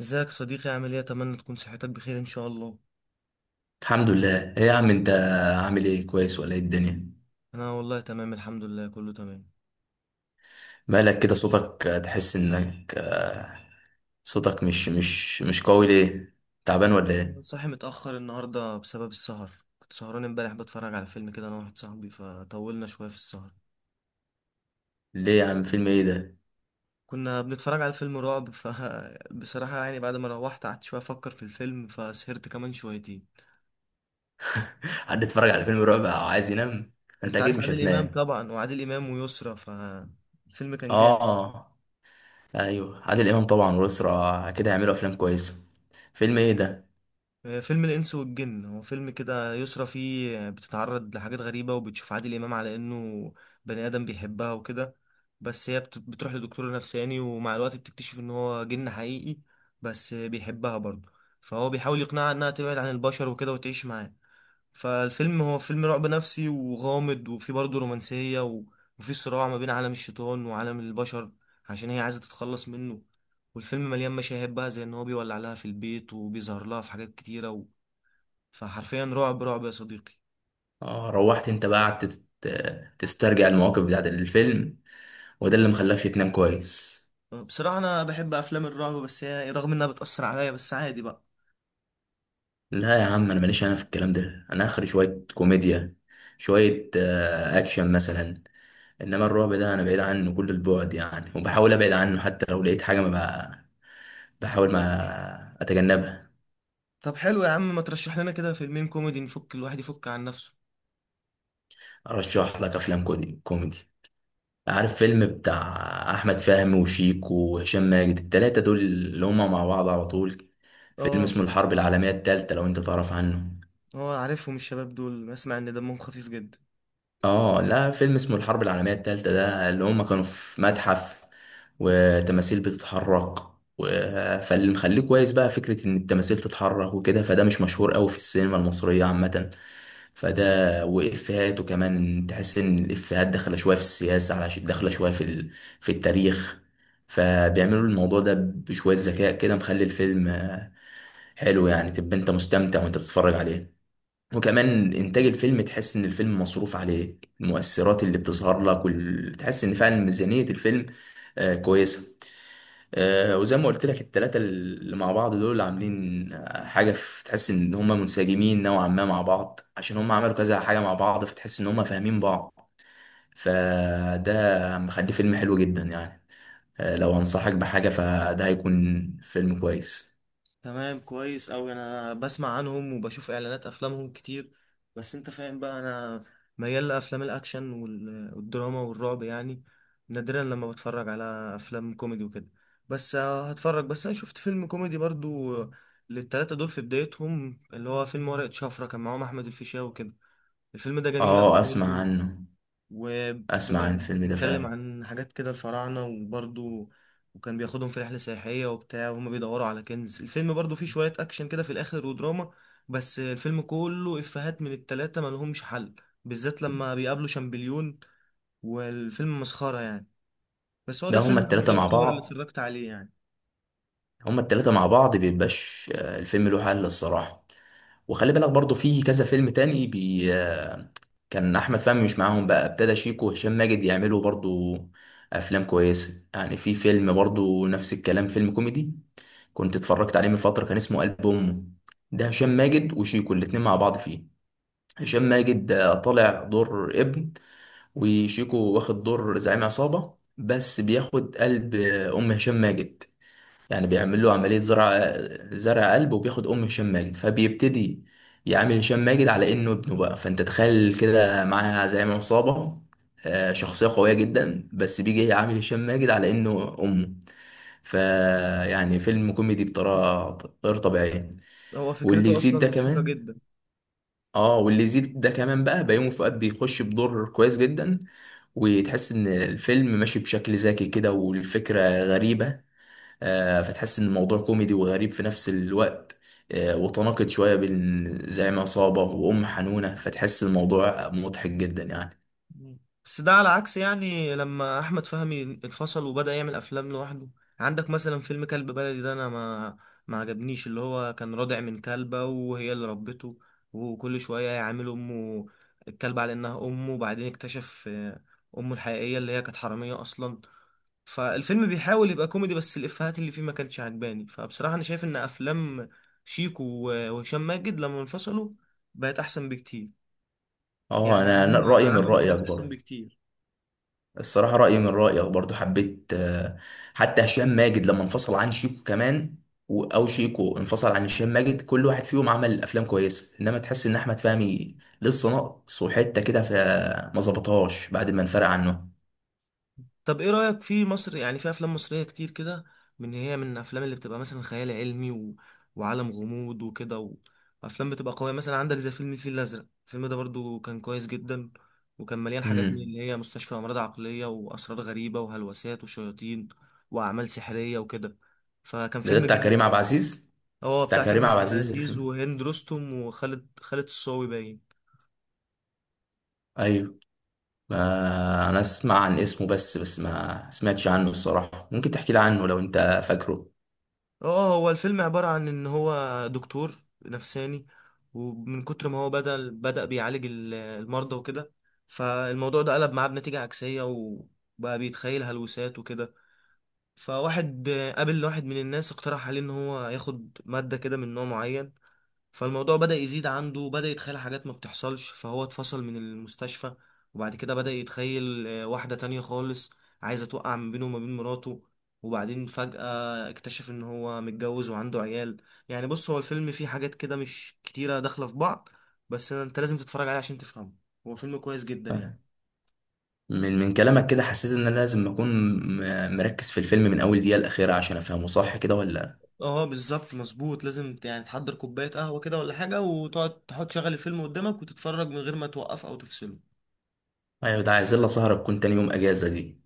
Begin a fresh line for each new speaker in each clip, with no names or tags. ازيك صديقي؟ عامل ايه؟ اتمنى تكون صحتك بخير ان شاء الله.
الحمد لله. ايه يا عم انت، عامل ايه؟ كويس ولا ايه الدنيا؟
انا والله تمام الحمد لله، كله تمام.
مالك كده؟ صوتك تحس انك صوتك مش قوي، ليه؟ تعبان ولا ايه؟
صاحي متاخر النهارده بسبب السهر. كنت سهران امبارح بتفرج على فيلم كده انا واحد صاحبي، فطولنا شويه في السهر.
ليه يا عم؟ فيلم ايه ده؟
كنا بنتفرج على فيلم رعب، فبصراحه يعني بعد ما روحت قعدت شويه افكر في الفيلم، فسهرت كمان شويتين.
حد اتفرج على فيلم رعب او عايز ينام؟ انت
انت
اكيد
عارف
مش
عادل امام
هتنام.
طبعا، وعادل امام ويسرا فالفيلم كان جامد.
اه، ايوه عادل امام طبعا، والاسره كده هيعملوا افلام كويسه. فيلم ايه ده؟
فيلم الإنس والجن، هو فيلم كده يسرى فيه بتتعرض لحاجات غريبة، وبتشوف عادل إمام على إنه بني آدم بيحبها وكده. بس هي بتروح لدكتور نفساني، ومع الوقت بتكتشف إن هو جن حقيقي بس بيحبها برضه. فهو بيحاول يقنعها إنها تبعد عن البشر وكده وتعيش معاه. فالفيلم هو فيلم رعب نفسي وغامض، وفيه برضه رومانسية وفيه صراع ما بين عالم الشيطان وعالم البشر، عشان هي عايزة تتخلص منه. والفيلم مليان مشاهد بقى، زي ان هو بيولع لها في البيت، وبيظهر لها في حاجات كتيرة فحرفيا رعب رعب يا صديقي.
اه، روحت انت بقى قعدت تسترجع المواقف بتاعت الفيلم، وده اللي مخلاكش تنام كويس.
بصراحة انا بحب افلام الرعب، بس هي رغم انها بتأثر عليا بس عادي بقى.
لا يا عم، انا ماليش انا في الكلام ده، انا اخري شويه كوميديا، شويه اكشن مثلا. انما الرعب ده انا بعيد عنه كل البعد يعني، وبحاول ابعد عنه حتى لو لقيت حاجه ما، بقى بحاول ما اتجنبها.
طب حلو يا عم، ما ترشح لنا كده فيلمين كوميدي نفك، الواحد يفك عن نفسه.
ارشح لك افلام كوميدي كوميدي. عارف فيلم بتاع احمد فهمي وشيكو وهشام ماجد، التلاتة دول اللي هما مع بعض على طول؟ فيلم
اه.
اسمه الحرب العالميه التالتة، لو انت تعرف عنه.
اه عارفهم الشباب دول، اسمع ان دمهم خفيف جدا.
اه، لا فيلم اسمه الحرب العالمية التالتة، ده اللي هم كانوا في متحف، وتماثيل بتتحرك و... فاللي مخليه كويس بقى فكرة ان التماثيل تتحرك وكده، فده مش مشهور قوي في السينما المصرية عامة. فده وإفيهاته كمان، تحس ان الإفيهات داخلة شوية في السياسة، علشان داخلة شوية في التاريخ. فبيعملوا الموضوع ده بشوية ذكاء كده، مخلي الفيلم حلو يعني، تبقى انت مستمتع وانت بتتفرج عليه. وكمان انتاج الفيلم، تحس ان الفيلم مصروف عليه، المؤثرات اللي بتظهر لك تحس ان فعلا ميزانية الفيلم كويسة. وزي ما قلت لك التلاتة اللي مع بعض دول عاملين حاجة، تحس ان هم منسجمين نوعا ما مع بعض، عشان هم عملوا كذا حاجة مع بعض، فتحس ان هم فاهمين بعض. فده مخليه فيلم حلو جدا يعني. لو انصحك بحاجة، فده هيكون فيلم كويس.
تمام، كويس أوي، أنا بسمع عنهم وبشوف إعلانات أفلامهم كتير. بس أنت فاهم بقى، أنا ميال لأفلام الأكشن والدراما والرعب يعني. نادرا لما بتفرج على أفلام كوميدي وكده. بس هتفرج، بس أنا شفت فيلم كوميدي برضو للتلاتة دول في بدايتهم، اللي هو فيلم ورقة شفرة، كان معاهم أحمد الفيشاوي وكده. الفيلم ده جميل أوي
اه، اسمع
برضو،
عنه. اسمع عن الفيلم ده
وبيتكلم
فعلا.
عن حاجات كده الفراعنة وبرضو، وكان بياخدهم في رحلة سياحية وبتاع، وهما بيدوروا على كنز. الفيلم برضو فيه شوية أكشن كده في الآخر ودراما، بس الفيلم كله إفيهات من التلاتة ملهمش حل، بالذات لما بيقابلوا شامبليون. والفيلم مسخرة يعني. بس هو ده
ده هما
الفيلم الوحيد
التلاتة مع
يعتبر اللي
بعض،
اتفرجت عليه يعني.
بيبقاش الفيلم له حل الصراحة. وخلي بالك برضو في كذا فيلم تاني بي آه، كان أحمد فهمي مش معاهم، بقى ابتدى شيكو وهشام ماجد يعملوا برضو أفلام كويسة يعني. في فيلم برضو نفس الكلام، فيلم كوميدي كنت اتفرجت عليه من فترة، كان اسمه قلب أمه، ده هشام ماجد وشيكو الاتنين مع بعض فيه. هشام ماجد طالع دور ابن، وشيكو واخد دور زعيم عصابة، بس بياخد قلب أم هشام ماجد. يعني بيعمل له عملية زرع، زرع قلب، وبياخد أم هشام ماجد، فبيبتدي يعامل هشام ماجد على إنه ابنه بقى. فأنت تخيل كده معاه زعيم عصابة، شخصية قوية جدا، بس بيجي يعامل هشام ماجد على إنه أمه. فيعني فيلم كوميدي بطريقة غير طبيعية.
هو
واللي
فكرته
يزيد
أصلا
ده
مضحكة
كمان،
جدا.
اه واللي يزيد ده كمان بقى بيومي فؤاد بيخش بدور كويس جدا، وتحس ان الفيلم ماشي بشكل ذكي كده، والفكرة غريبة. فتحس ان الموضوع كوميدي وغريب في نفس الوقت. وتناقض شويه بين زعيم عصابه وام حنونه، فتحس الموضوع مضحك جدا يعني.
مم. بس ده على عكس يعني لما احمد فهمي انفصل وبدأ يعمل افلام لوحده. عندك مثلا فيلم كلب بلدي ده، انا ما عجبنيش، اللي هو كان رادع من كلبة وهي اللي ربته، وكل شوية يعامل امه الكلبة على انها امه، وبعدين اكتشف امه الحقيقية اللي هي كانت حرامية اصلا. فالفيلم بيحاول يبقى كوميدي، بس الافيهات اللي فيه ما كانتش عجباني. فبصراحة انا شايف ان افلام وهشام ماجد لما انفصلوا بقت احسن بكتير،
اه،
يعني
انا
هم
رايي من
عملوا
رايك
حاجات احسن
برضه.
بكتير.
الصراحه رايي من رايك برضه، حبيت حتى هشام ماجد لما انفصل عن شيكو كمان، او شيكو انفصل عن هشام ماجد، كل واحد فيهم عمل افلام كويسه. انما تحس ان احمد فهمي لسه ناقص وحته كده، فما ظبطهاش بعد ما انفرق عنه.
طب ايه رأيك في مصر، يعني في افلام مصرية كتير كده، من هي من الافلام اللي بتبقى مثلا خيال علمي وعالم غموض وكده وافلام بتبقى قوية؟ مثلا عندك زي فيلم الفيل الازرق، الفيلم ده برضو كان كويس جدا، وكان مليان حاجات من
امم
اللي هي مستشفى امراض عقلية واسرار غريبة وهلوسات وشياطين واعمال سحرية وكده. فكان
ده
فيلم
بتاع
جامد
كريم عبد
برضو.
العزيز.
اه
بتاع
بتاع
كريم
كريم
عبد
عبد
العزيز
العزيز
الفيلم؟
وهند رستم، وخالد الصاوي باين.
ايوه. ما انا اسمع عن اسمه، بس ما سمعتش عنه الصراحة، ممكن تحكي لي عنه لو انت فاكره؟
اه هو الفيلم عبارة عن ان هو دكتور نفساني، ومن كتر ما هو بدأ بيعالج المرضى وكده، فالموضوع ده قلب معاه بنتيجة عكسية، وبقى بيتخيل هلوسات وكده. فواحد قابل واحد من الناس اقترح عليه ان هو ياخد مادة كده من نوع معين، فالموضوع بدأ يزيد عنده، بدأ يتخيل حاجات ما بتحصلش، فهو اتفصل من المستشفى. وبعد كده بدأ يتخيل واحدة تانية خالص عايزة توقع من بينه وما بين مراته. وبعدين فجأة اكتشف ان هو متجوز وعنده عيال. يعني بص، هو الفيلم فيه حاجات كده مش كتيرة داخلة في بعض، بس انت لازم تتفرج عليه عشان تفهمه. هو فيلم كويس جدا يعني.
من كلامك كده، حسيت ان انا لازم اكون مركز في الفيلم من اول دقيقة الاخيرة عشان افهمه صح كده، ولا؟
اه بالظبط مظبوط، لازم يعني تحضر كوباية قهوة كده ولا حاجة، وتقعد تحط شغل الفيلم قدامك، وتتفرج من غير ما توقف او تفصله.
ايوه، ده عايزين لها سهرة تكون تاني يوم اجازة دي.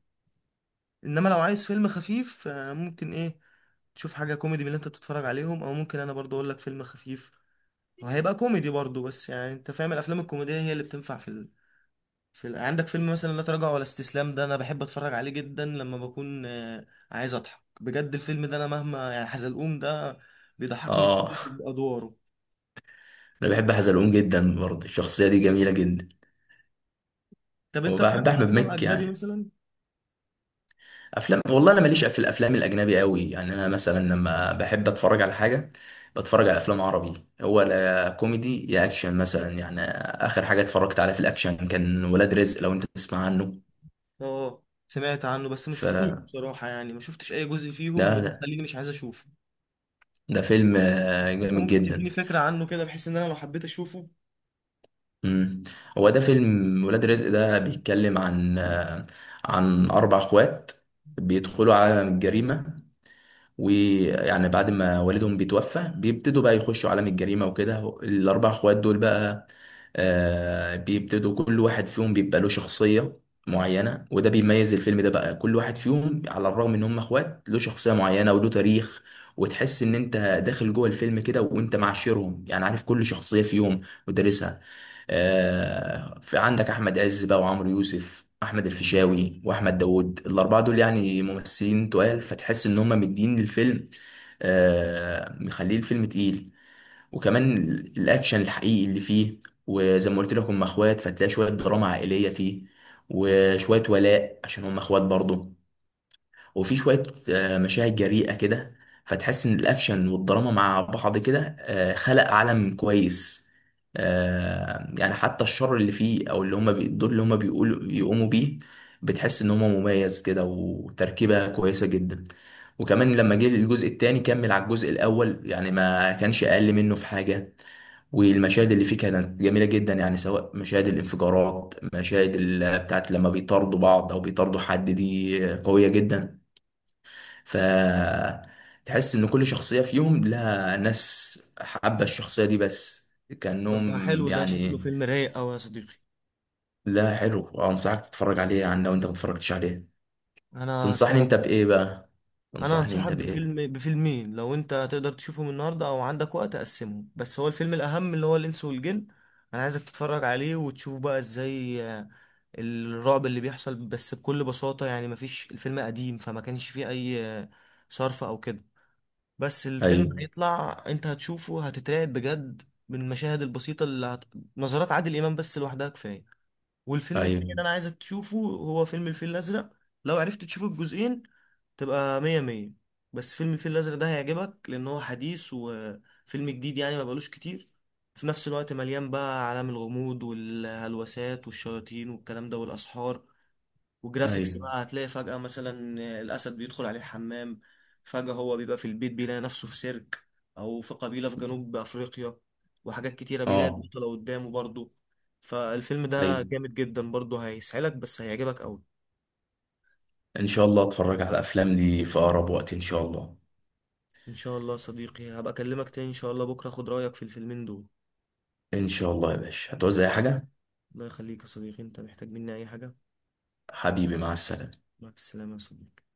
انما لو عايز فيلم خفيف ممكن ايه، تشوف حاجه كوميدي من اللي انت بتتفرج عليهم، او ممكن انا برضو اقول لك فيلم خفيف وهيبقى كوميدي برضو. بس يعني انت فاهم، الافلام الكوميديه هي اللي بتنفع في في عندك فيلم مثلا لا تراجع ولا استسلام، ده انا بحب اتفرج عليه جدا لما بكون عايز اضحك بجد. الفيلم ده انا مهما يعني، حزلقوم ده بيضحكني في كل
اه.
ادواره.
انا بحب حزلقوم جدا برضه، الشخصية دي جميلة جدا.
طب انت اتفرجت
وبحب
على
احمد
افلام
مكي
اجنبي
يعني.
مثلا؟
افلام والله، انا ماليش في الافلام الاجنبي قوي يعني. انا مثلا لما بحب اتفرج على حاجه، بتفرج على افلام عربي، هو لا كوميدي يا اكشن مثلا يعني. اخر حاجه اتفرجت عليها في الاكشن كان ولاد رزق، لو انت تسمع عنه.
اه سمعت عنه بس ما
ف
شفتوش بصراحه، يعني ما شفتش اي جزء فيهم، وده
ده,
مخليني مش عايز اشوفه.
ده فيلم
انت
جامد
ممكن تديني
جدا.
فكرة عنه كده، بحيث ان انا لو حبيت اشوفه؟
مم. هو ده فيلم ولاد رزق، ده بيتكلم عن اربع اخوات بيدخلوا عالم الجريمه. ويعني بعد ما والدهم بيتوفى بيبتدوا بقى يخشوا عالم الجريمة وكده، الأربع اخوات دول بقى بيبتدوا كل واحد فيهم بيبقى له شخصية معينة، وده بيميز الفيلم ده بقى، كل واحد فيهم على الرغم ان هم اخوات له شخصية معينة وله تاريخ. وتحس ان انت داخل جوه الفيلم كده، وانت معاشرهم يعني، عارف كل شخصية فيهم ودارسها. في عندك احمد عز بقى، وعمرو يوسف، احمد الفيشاوي، واحمد داوود، الاربعه دول يعني ممثلين تقال، فتحس ان هم مدين للفيلم، مخليه الفيلم تقيل. وكمان الاكشن الحقيقي اللي فيه، وزي ما قلت لك هم اخوات، فتلاقي شويه دراما عائليه فيه، وشويه ولاء عشان هم اخوات برضه. وفي شوية مشاهد جريئة كده، فتحس إن الأكشن والدراما مع بعض كده خلق عالم كويس. يعني حتى الشر اللي فيه، أو اللي هما الدور اللي هما بيقولوا بيقوموا بيه، بتحس إن هما مميز كده وتركيبة كويسة جدا. وكمان لما جه الجزء التاني، كمل على الجزء الأول، يعني ما كانش أقل منه في حاجة. والمشاهد اللي فيه كانت جميلة جدا، يعني سواء مشاهد الانفجارات، مشاهد بتاعت لما بيطاردوا بعض أو بيطاردوا حد، دي قوية جدا. فتحس ان كل شخصية فيهم لها ناس حابة الشخصية دي، بس
يبقى
كأنهم
حلو، ده شكله
يعني.
فيلم رايق اوي يا صديقي.
لا حلو، انصحك تتفرج عليه يعني لو انت ما اتفرجتش عليه.
انا
تنصحني
هتفرج
انت بايه
عليه.
بقى؟
انا
تنصحني انت
هنصحك
بايه
بفيلم بفيلمين، لو انت تقدر تشوفهم النهارده او عندك وقت اقسمهم. بس هو الفيلم الاهم اللي هو الانس والجن، انا عايزك تتفرج عليه وتشوف بقى ازاي الرعب اللي بيحصل بس بكل بساطة، يعني مفيش، الفيلم قديم فما كانش فيه اي صرف او كده، بس الفيلم
ايوه،
هيطلع، انت هتشوفه هتترعب بجد من المشاهد البسيطة اللي نظرات عادل امام بس لوحدها كفاية. والفيلم التاني
ايوه،
اللي انا عايزك تشوفه هو فيلم الفيل الازرق، لو عرفت تشوف الجزئين تبقى مية مية. بس فيلم الفيل الازرق ده هيعجبك، لان هو حديث وفيلم جديد يعني ما بقالوش كتير، في نفس الوقت مليان بقى عالم الغموض والهلوسات والشياطين والكلام ده والاسحار وجرافيكس
ايوه،
بقى. هتلاقي فجأة مثلا الأسد بيدخل عليه الحمام، فجأة هو بيبقى في البيت بيلاقي نفسه في سيرك، أو في قبيلة في جنوب أفريقيا، وحاجات كتيرة، بيلاقي
اه،
البطلة قدامه برضه. فالفيلم ده
ايوه.
جامد جدا برضه، هيسعلك بس هيعجبك أوي.
ان شاء الله اتفرج على الافلام دي في اقرب وقت، ان شاء الله.
إن شاء الله يا صديقي، هبقى أكلمك تاني إن شاء الله بكرة، أخد رأيك في الفيلمين دول.
ان شاء الله يا باشا، هتعوز اي حاجة؟
الله يخليك يا صديقي، أنت محتاج مني أي حاجة.
حبيبي، مع السلامة.
مع السلامة يا صديقي.